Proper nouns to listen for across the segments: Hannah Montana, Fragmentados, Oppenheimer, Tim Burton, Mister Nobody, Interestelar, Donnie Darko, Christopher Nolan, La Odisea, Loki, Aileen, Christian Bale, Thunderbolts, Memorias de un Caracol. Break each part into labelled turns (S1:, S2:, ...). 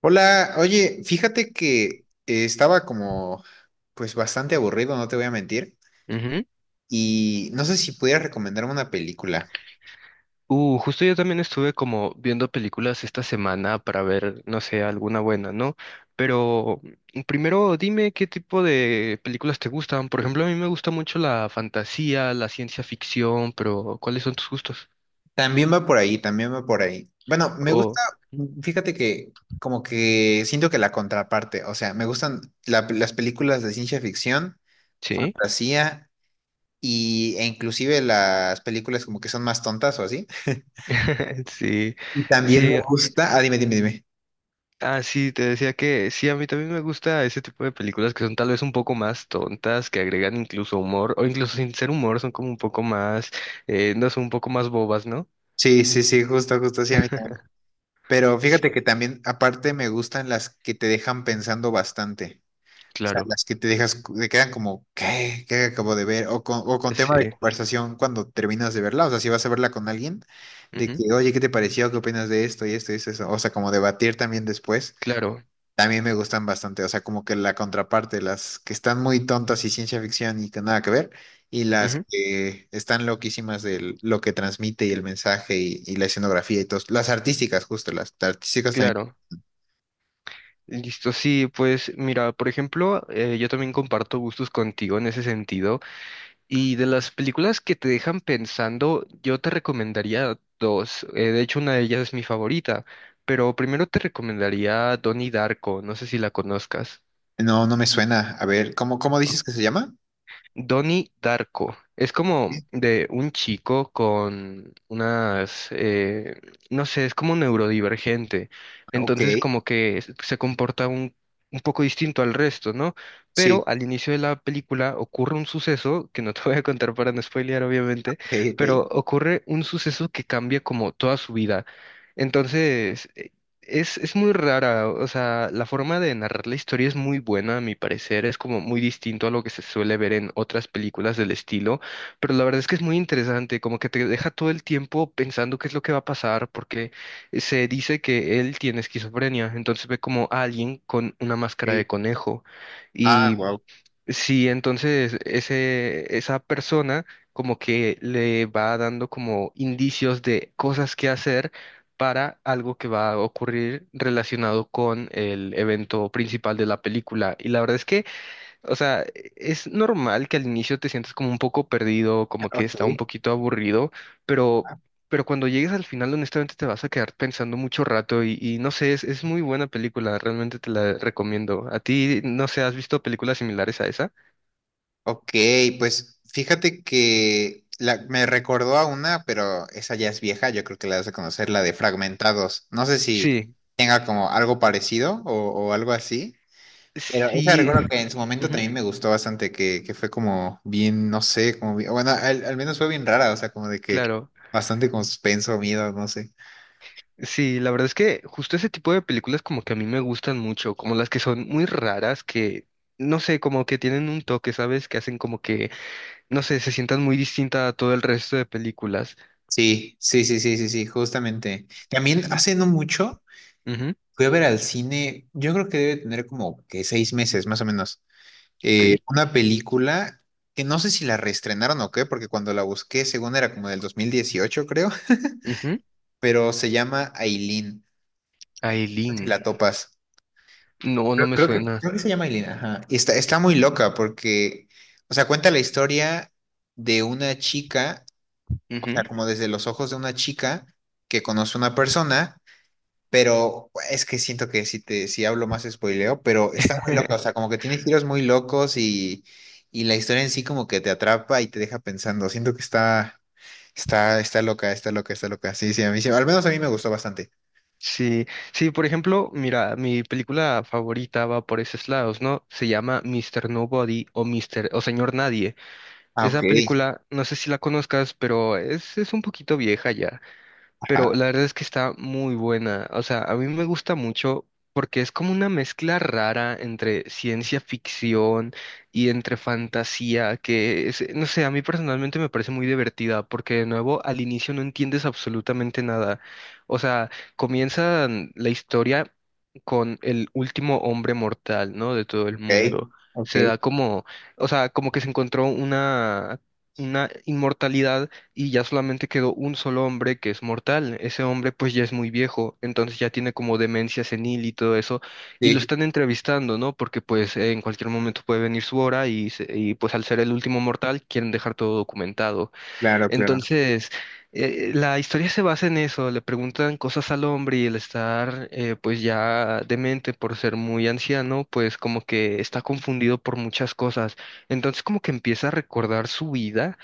S1: Hola, oye, fíjate que estaba como, pues bastante aburrido, no te voy a mentir,
S2: Ujú.
S1: y no sé si pudieras recomendarme una película.
S2: Justo yo también estuve como viendo películas esta semana para ver, no sé, alguna buena, ¿no? Pero primero dime qué tipo de películas te gustan. Por ejemplo, a mí me gusta mucho la fantasía, la ciencia ficción, pero ¿cuáles son tus gustos?
S1: También va por ahí, también va por ahí. Bueno, me gusta,
S2: O
S1: fíjate que como que siento que la contraparte, o sea, me gustan las películas de ciencia ficción,
S2: ¿Sí?
S1: fantasía y, e inclusive las películas como que son más tontas o así.
S2: Sí,
S1: Y también me
S2: sí,
S1: gusta, ah, dime.
S2: ah, sí, te decía que sí, a mí también me gusta ese tipo de películas que son tal vez un poco más tontas, que agregan incluso humor, o incluso sin ser humor, son como un poco más, no son un poco más bobas, ¿no?
S1: Sí, sí, sí, justo, justo, sí, a mí también. Pero
S2: Pues,
S1: fíjate que también, aparte, me gustan las que te dejan pensando bastante. O sea,
S2: claro,
S1: las que te dejas, te quedan como, ¿qué? ¿Qué acabo de ver? O con
S2: pues, sí.
S1: tema de conversación cuando terminas de verla. O sea, si vas a verla con alguien, de
S2: Ujú,
S1: que, oye, ¿qué te pareció? ¿Qué opinas de esto y esto y eso? O sea, como debatir también después.
S2: claro,
S1: También me gustan bastante, o sea, como que la contraparte, las que están muy tontas y ciencia ficción y que nada que ver, y las
S2: ujú,
S1: que están loquísimas de lo que transmite y el mensaje y la escenografía y todo. Las artísticas, justo, las artísticas también.
S2: claro. Listo, sí, pues mira, por ejemplo, yo también comparto gustos contigo en ese sentido. Y de las películas que te dejan pensando, yo te recomendaría dos. De hecho, una de ellas es mi favorita. Pero primero te recomendaría Donnie Darko, no sé si la conozcas.
S1: No, no me suena. A ver, ¿cómo, cómo dices que se llama?
S2: Donnie Darko. Es
S1: Sí.
S2: como de un chico con unas, no sé, es como neurodivergente.
S1: Ok,
S2: Entonces como que se comporta un poco distinto al resto, ¿no? Pero
S1: sí,
S2: al inicio de la película ocurre un suceso, que no te voy a contar para no spoilear, obviamente,
S1: ok, ok.
S2: pero ocurre un suceso que cambia como toda su vida. Entonces, es muy rara, o sea, la forma de narrar la historia es muy buena, a mi parecer, es como muy distinto a lo que se suele ver en otras películas del estilo, pero la verdad es que es muy interesante, como que te deja todo el tiempo pensando qué es lo que va a pasar, porque se dice que él tiene esquizofrenia, entonces ve como a alguien con una máscara de
S1: Ok.
S2: conejo.
S1: Ah, wow,
S2: Sí, entonces esa persona como que le va dando como indicios de cosas que hacer para algo que va a ocurrir relacionado con el evento principal de la película. Y la verdad es que, o sea, es normal que al inicio te sientas como un poco perdido, como que está
S1: ok.
S2: un poquito aburrido, pero, pero cuando llegues al final, honestamente, te vas a quedar pensando mucho rato y no sé, es muy buena película, realmente te la recomiendo. ¿A ti, no sé, has visto películas similares a esa?
S1: Ok, pues fíjate que me recordó a una, pero esa ya es vieja, yo creo que la vas a conocer, la de Fragmentados. No sé si
S2: Sí,
S1: tenga como algo parecido o algo así, pero esa
S2: sí,
S1: recuerdo que en su momento
S2: ujú,
S1: también me gustó bastante, que fue como bien, no sé, bueno, al, al menos fue bien rara, o sea, como de que
S2: claro.
S1: bastante con suspenso, miedo, no sé.
S2: Sí, la verdad es que justo ese tipo de películas como que a mí me gustan mucho, como las que son muy raras, que no sé, como que tienen un toque, ¿sabes? Que hacen como que, no sé, se sientan muy distinta a todo el resto de películas.
S1: Sí, sí, sí, sí, sí, sí, justamente. También hace no mucho
S2: Ujú,
S1: fui a ver al cine, yo creo que debe tener como que 6 meses más o menos.
S2: ok.
S1: Una película que no sé si la reestrenaron o qué, porque cuando la busqué, según era como del 2018 creo,
S2: Ujú.
S1: pero se llama Aileen, si la
S2: Aileen.
S1: topas.
S2: No, no me suena.
S1: Creo que se llama Aileen, ajá. Y está, está muy loca porque, o sea, cuenta la historia de una chica, o sea,
S2: Ujú.
S1: como desde los ojos de una chica que conoce a una persona. Pero es que siento que si hablo más spoileo, pero está muy loca, o sea, como que tiene giros muy locos y la historia en sí como que te atrapa y te deja pensando. Siento que está, está loca, está loca, está loca. Sí, sí, a mí sí, al menos a mí me gustó bastante.
S2: Sí, sí, por ejemplo, mira, mi película favorita va por esos lados, ¿no? Se llama Mister Nobody o Mister o Señor Nadie.
S1: Ah, ok,
S2: Esa película, no sé si la conozcas, pero es un poquito vieja ya, pero
S1: ajá,
S2: la verdad es que está muy buena. O sea, a mí me gusta mucho porque es como una mezcla rara entre ciencia ficción y entre fantasía, que no sé, a mí personalmente me parece muy divertida porque de nuevo al inicio no entiendes absolutamente nada. O sea, comienza la historia con el último hombre mortal, ¿no? De todo el
S1: ok,
S2: mundo.
S1: ok,
S2: Se da como, o sea, como que se encontró una inmortalidad y ya solamente quedó un solo hombre que es mortal. Ese hombre pues ya es muy viejo, entonces ya tiene como demencia senil y todo eso, y lo
S1: sí,
S2: están entrevistando, ¿no? Porque pues en cualquier momento puede venir su hora y, pues al ser el último mortal quieren dejar todo documentado.
S1: claro, claro.
S2: Entonces, la historia se basa en eso, le preguntan cosas al hombre y el estar pues ya demente por ser muy anciano, pues como que está confundido por muchas cosas. Entonces como que empieza a recordar su vida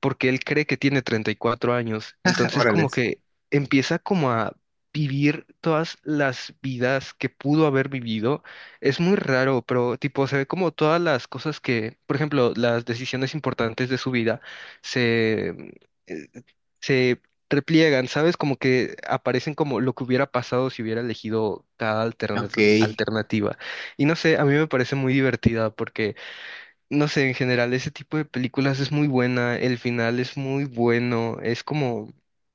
S2: porque él cree que tiene 34 años. Entonces como
S1: Órales.
S2: que empieza como a vivir todas las vidas que pudo haber vivido. Es muy raro, pero tipo se ve como todas las cosas que, por ejemplo, las decisiones importantes de su vida se, mm, eh, se repliegan, ¿sabes? Como que aparecen como lo que hubiera pasado si hubiera elegido cada
S1: Ok,
S2: alternativa. Y no sé, a mí me parece muy divertida porque no sé, en general ese tipo de películas es muy buena, el final es muy bueno, es como,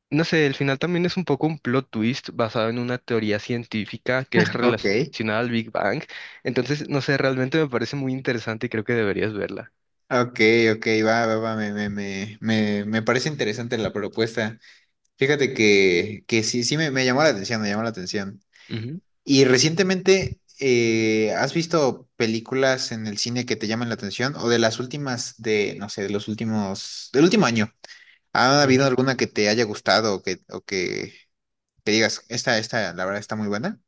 S2: no sé, el final también es un poco un plot twist basado en una teoría científica que es
S1: ok,
S2: relacionada al Big Bang, entonces, no sé, realmente me parece muy interesante y creo que deberías verla.
S1: ok, ok, va, va, va, me parece interesante la propuesta. Fíjate que sí, me llamó la atención, me llamó la atención.
S2: Ujú,
S1: Y recientemente, ¿has visto películas en el cine que te llaman la atención? O de las últimas de, no sé, de los últimos, del último año. ¿Ha habido
S2: ujú.
S1: alguna que te haya gustado o que te digas, esta, la verdad está muy buena?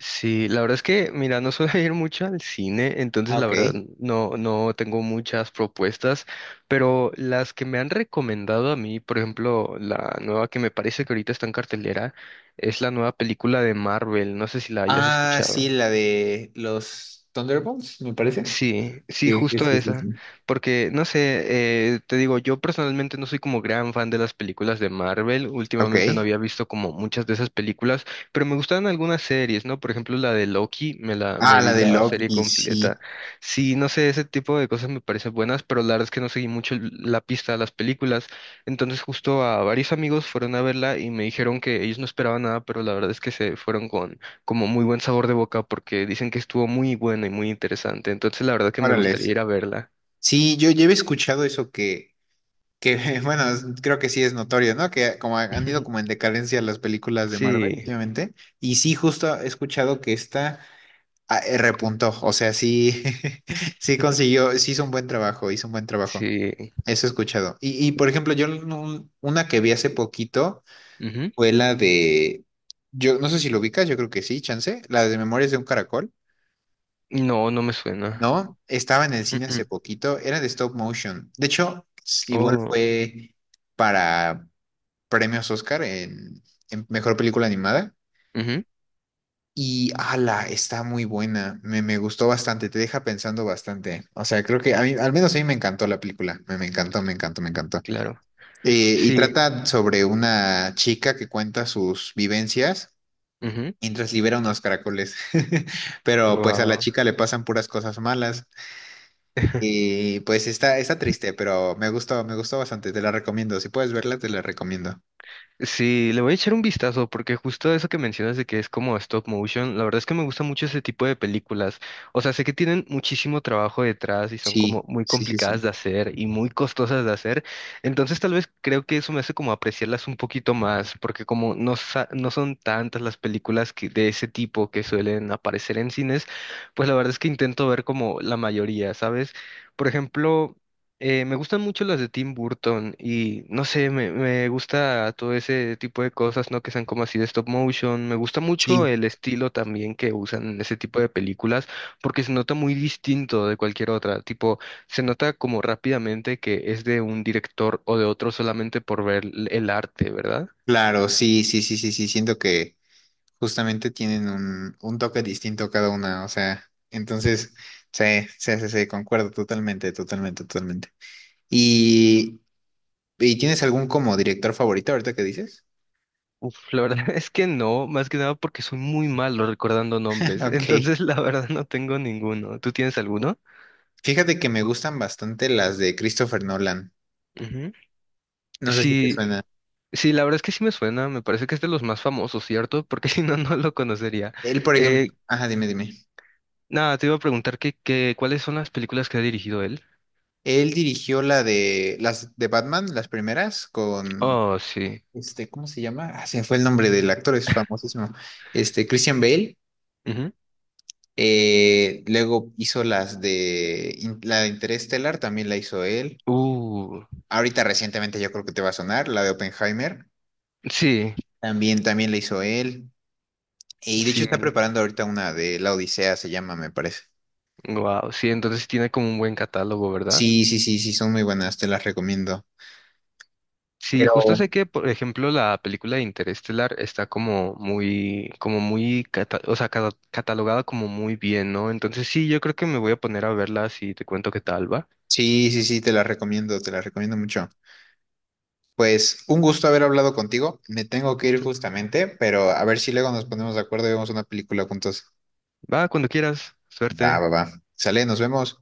S2: Sí, la verdad es que, mira, no suelo ir mucho al cine, entonces
S1: Ah,
S2: la
S1: ok.
S2: verdad no, no tengo muchas propuestas, pero las que me han recomendado a mí, por ejemplo, la nueva que me parece que ahorita está en cartelera, es la nueva película de Marvel, no sé si la hayas
S1: Ah, sí,
S2: escuchado.
S1: la de los Thunderbolts, me parece.
S2: Sí, sí,
S1: Sí, sí,
S2: justo
S1: sí, sí,
S2: esa.
S1: sí.
S2: Porque, no sé, te digo, yo personalmente no soy como gran fan de las películas de Marvel. Últimamente
S1: Ok.
S2: no había visto como muchas de esas películas, pero me gustaban algunas series, ¿no? Por ejemplo, la de Loki,
S1: Ah,
S2: me
S1: la
S2: vi
S1: de
S2: la serie
S1: Loki,
S2: completa.
S1: sí.
S2: Sí, no sé, ese tipo de cosas me parecen buenas, pero la verdad es que no seguí mucho la pista de las películas. Entonces, justo a varios amigos fueron a verla y me dijeron que ellos no esperaban nada, pero la verdad es que se fueron como muy buen sabor de boca porque dicen que estuvo muy buena y muy interesante. Entonces, la verdad que me
S1: Órale.
S2: gustaría
S1: Sí,
S2: ir a verla.
S1: sí, yo había escuchado eso. Que bueno, creo que sí es notorio, ¿no? Que como han ido como en decadencia las películas de Marvel
S2: Sí,
S1: últimamente. Y sí, justo he escuchado que esta ah, repuntó. O sea, sí, sí consiguió, sí hizo un buen trabajo, hizo un buen trabajo.
S2: sí.
S1: Eso he escuchado. Y por ejemplo, yo no- una que vi hace poquito
S2: Ujú.
S1: fue la de, yo no sé si lo ubicas, yo creo que sí, chance, la de Memorias de un Caracol.
S2: No, no me suena.
S1: No, estaba en el cine
S2: Mm,
S1: hace
S2: mm.
S1: poquito, era de stop motion. De hecho, igual
S2: Oh,
S1: fue para premios Oscar en mejor película animada.
S2: ujú,
S1: Y ala, está muy buena. Me gustó bastante, te deja pensando bastante. O sea, creo que a mí, al menos a mí me encantó la película. Me encantó, me encantó, me encantó.
S2: claro.
S1: Y
S2: Sí.
S1: trata sobre una chica que cuenta sus vivencias mientras libera unos caracoles. Pero pues a la
S2: Wow.
S1: chica le pasan puras cosas malas. Y pues está, está triste, pero me gustó bastante. Te la recomiendo. Si puedes verla, te la recomiendo.
S2: Sí, le voy a echar un vistazo porque justo eso que mencionas de que es como stop motion, la verdad es que me gusta mucho ese tipo de películas. O sea, sé que tienen muchísimo trabajo detrás y son como
S1: Sí,
S2: muy
S1: sí, sí,
S2: complicadas
S1: sí.
S2: de hacer y muy costosas de hacer. Entonces tal vez creo que eso me hace como apreciarlas un poquito más porque como no, no son tantas las películas que, de ese tipo que suelen aparecer en cines, pues la verdad es que intento ver como la mayoría, ¿sabes? Por ejemplo... me gustan mucho las de Tim Burton y no sé, me gusta todo ese tipo de cosas, ¿no? Que sean como así de stop motion. Me gusta mucho
S1: Sí,
S2: el estilo también que usan en ese tipo de películas porque se nota muy distinto de cualquier otra. Tipo, se nota como rápidamente que es de un director o de otro solamente por ver el arte, ¿verdad?
S1: claro, sí, sí, sí, sí, sí, siento que justamente tienen un toque distinto cada una, o sea, entonces, sí, sí, sí, sí, concuerdo totalmente, totalmente, totalmente. ¿Y, y tienes algún como director favorito ahorita que dices?
S2: Uf, la verdad es que no, más que nada porque soy muy malo recordando nombres.
S1: Ok,
S2: Entonces, la verdad no tengo ninguno. ¿Tú tienes alguno?
S1: fíjate que me gustan bastante las de Christopher Nolan,
S2: Ujú.
S1: no sé si te
S2: Sí,
S1: suena.
S2: sí, la verdad es que sí me suena, me parece que es de los más famosos, ¿cierto? Porque si no, no lo conocería.
S1: Él, por ejemplo,
S2: Eh,
S1: ajá, dime, dime.
S2: nada, te iba a preguntar ¿cuáles son las películas que ha dirigido él?
S1: Él dirigió la de, las de Batman, las primeras, con,
S2: Oh, sí.
S1: este, ¿cómo se llama? Ah, se me fue el nombre del actor, es famosísimo, este, Christian Bale.
S2: Ujú.
S1: Luego hizo las de la de Interestelar, también la hizo él.
S2: Uh,
S1: Ahorita recientemente yo creo que te va a sonar, la de Oppenheimer,
S2: sí,
S1: también, también la hizo él. Y de hecho
S2: sí.
S1: está preparando ahorita una de La Odisea, se llama, me parece.
S2: Wow, sí, entonces sí tiene como un buen catálogo, ¿verdad?
S1: Sí, sí, sí, sí, son muy buenas, te las recomiendo.
S2: Sí, justo
S1: Pero
S2: sé que, por ejemplo, la película de Interestelar está como muy, o sea, catalogada como muy bien, ¿no? Entonces sí, yo creo que me voy a poner a verla si te cuento qué tal, ¿va?
S1: sí, sí, sí, te las recomiendo mucho. Pues un gusto haber hablado contigo. Me tengo que ir
S2: Listo.
S1: justamente, pero a ver si luego nos ponemos de acuerdo y vemos una película juntos.
S2: Va, cuando quieras.
S1: Va,
S2: Suerte.
S1: va, va. Sale, nos vemos.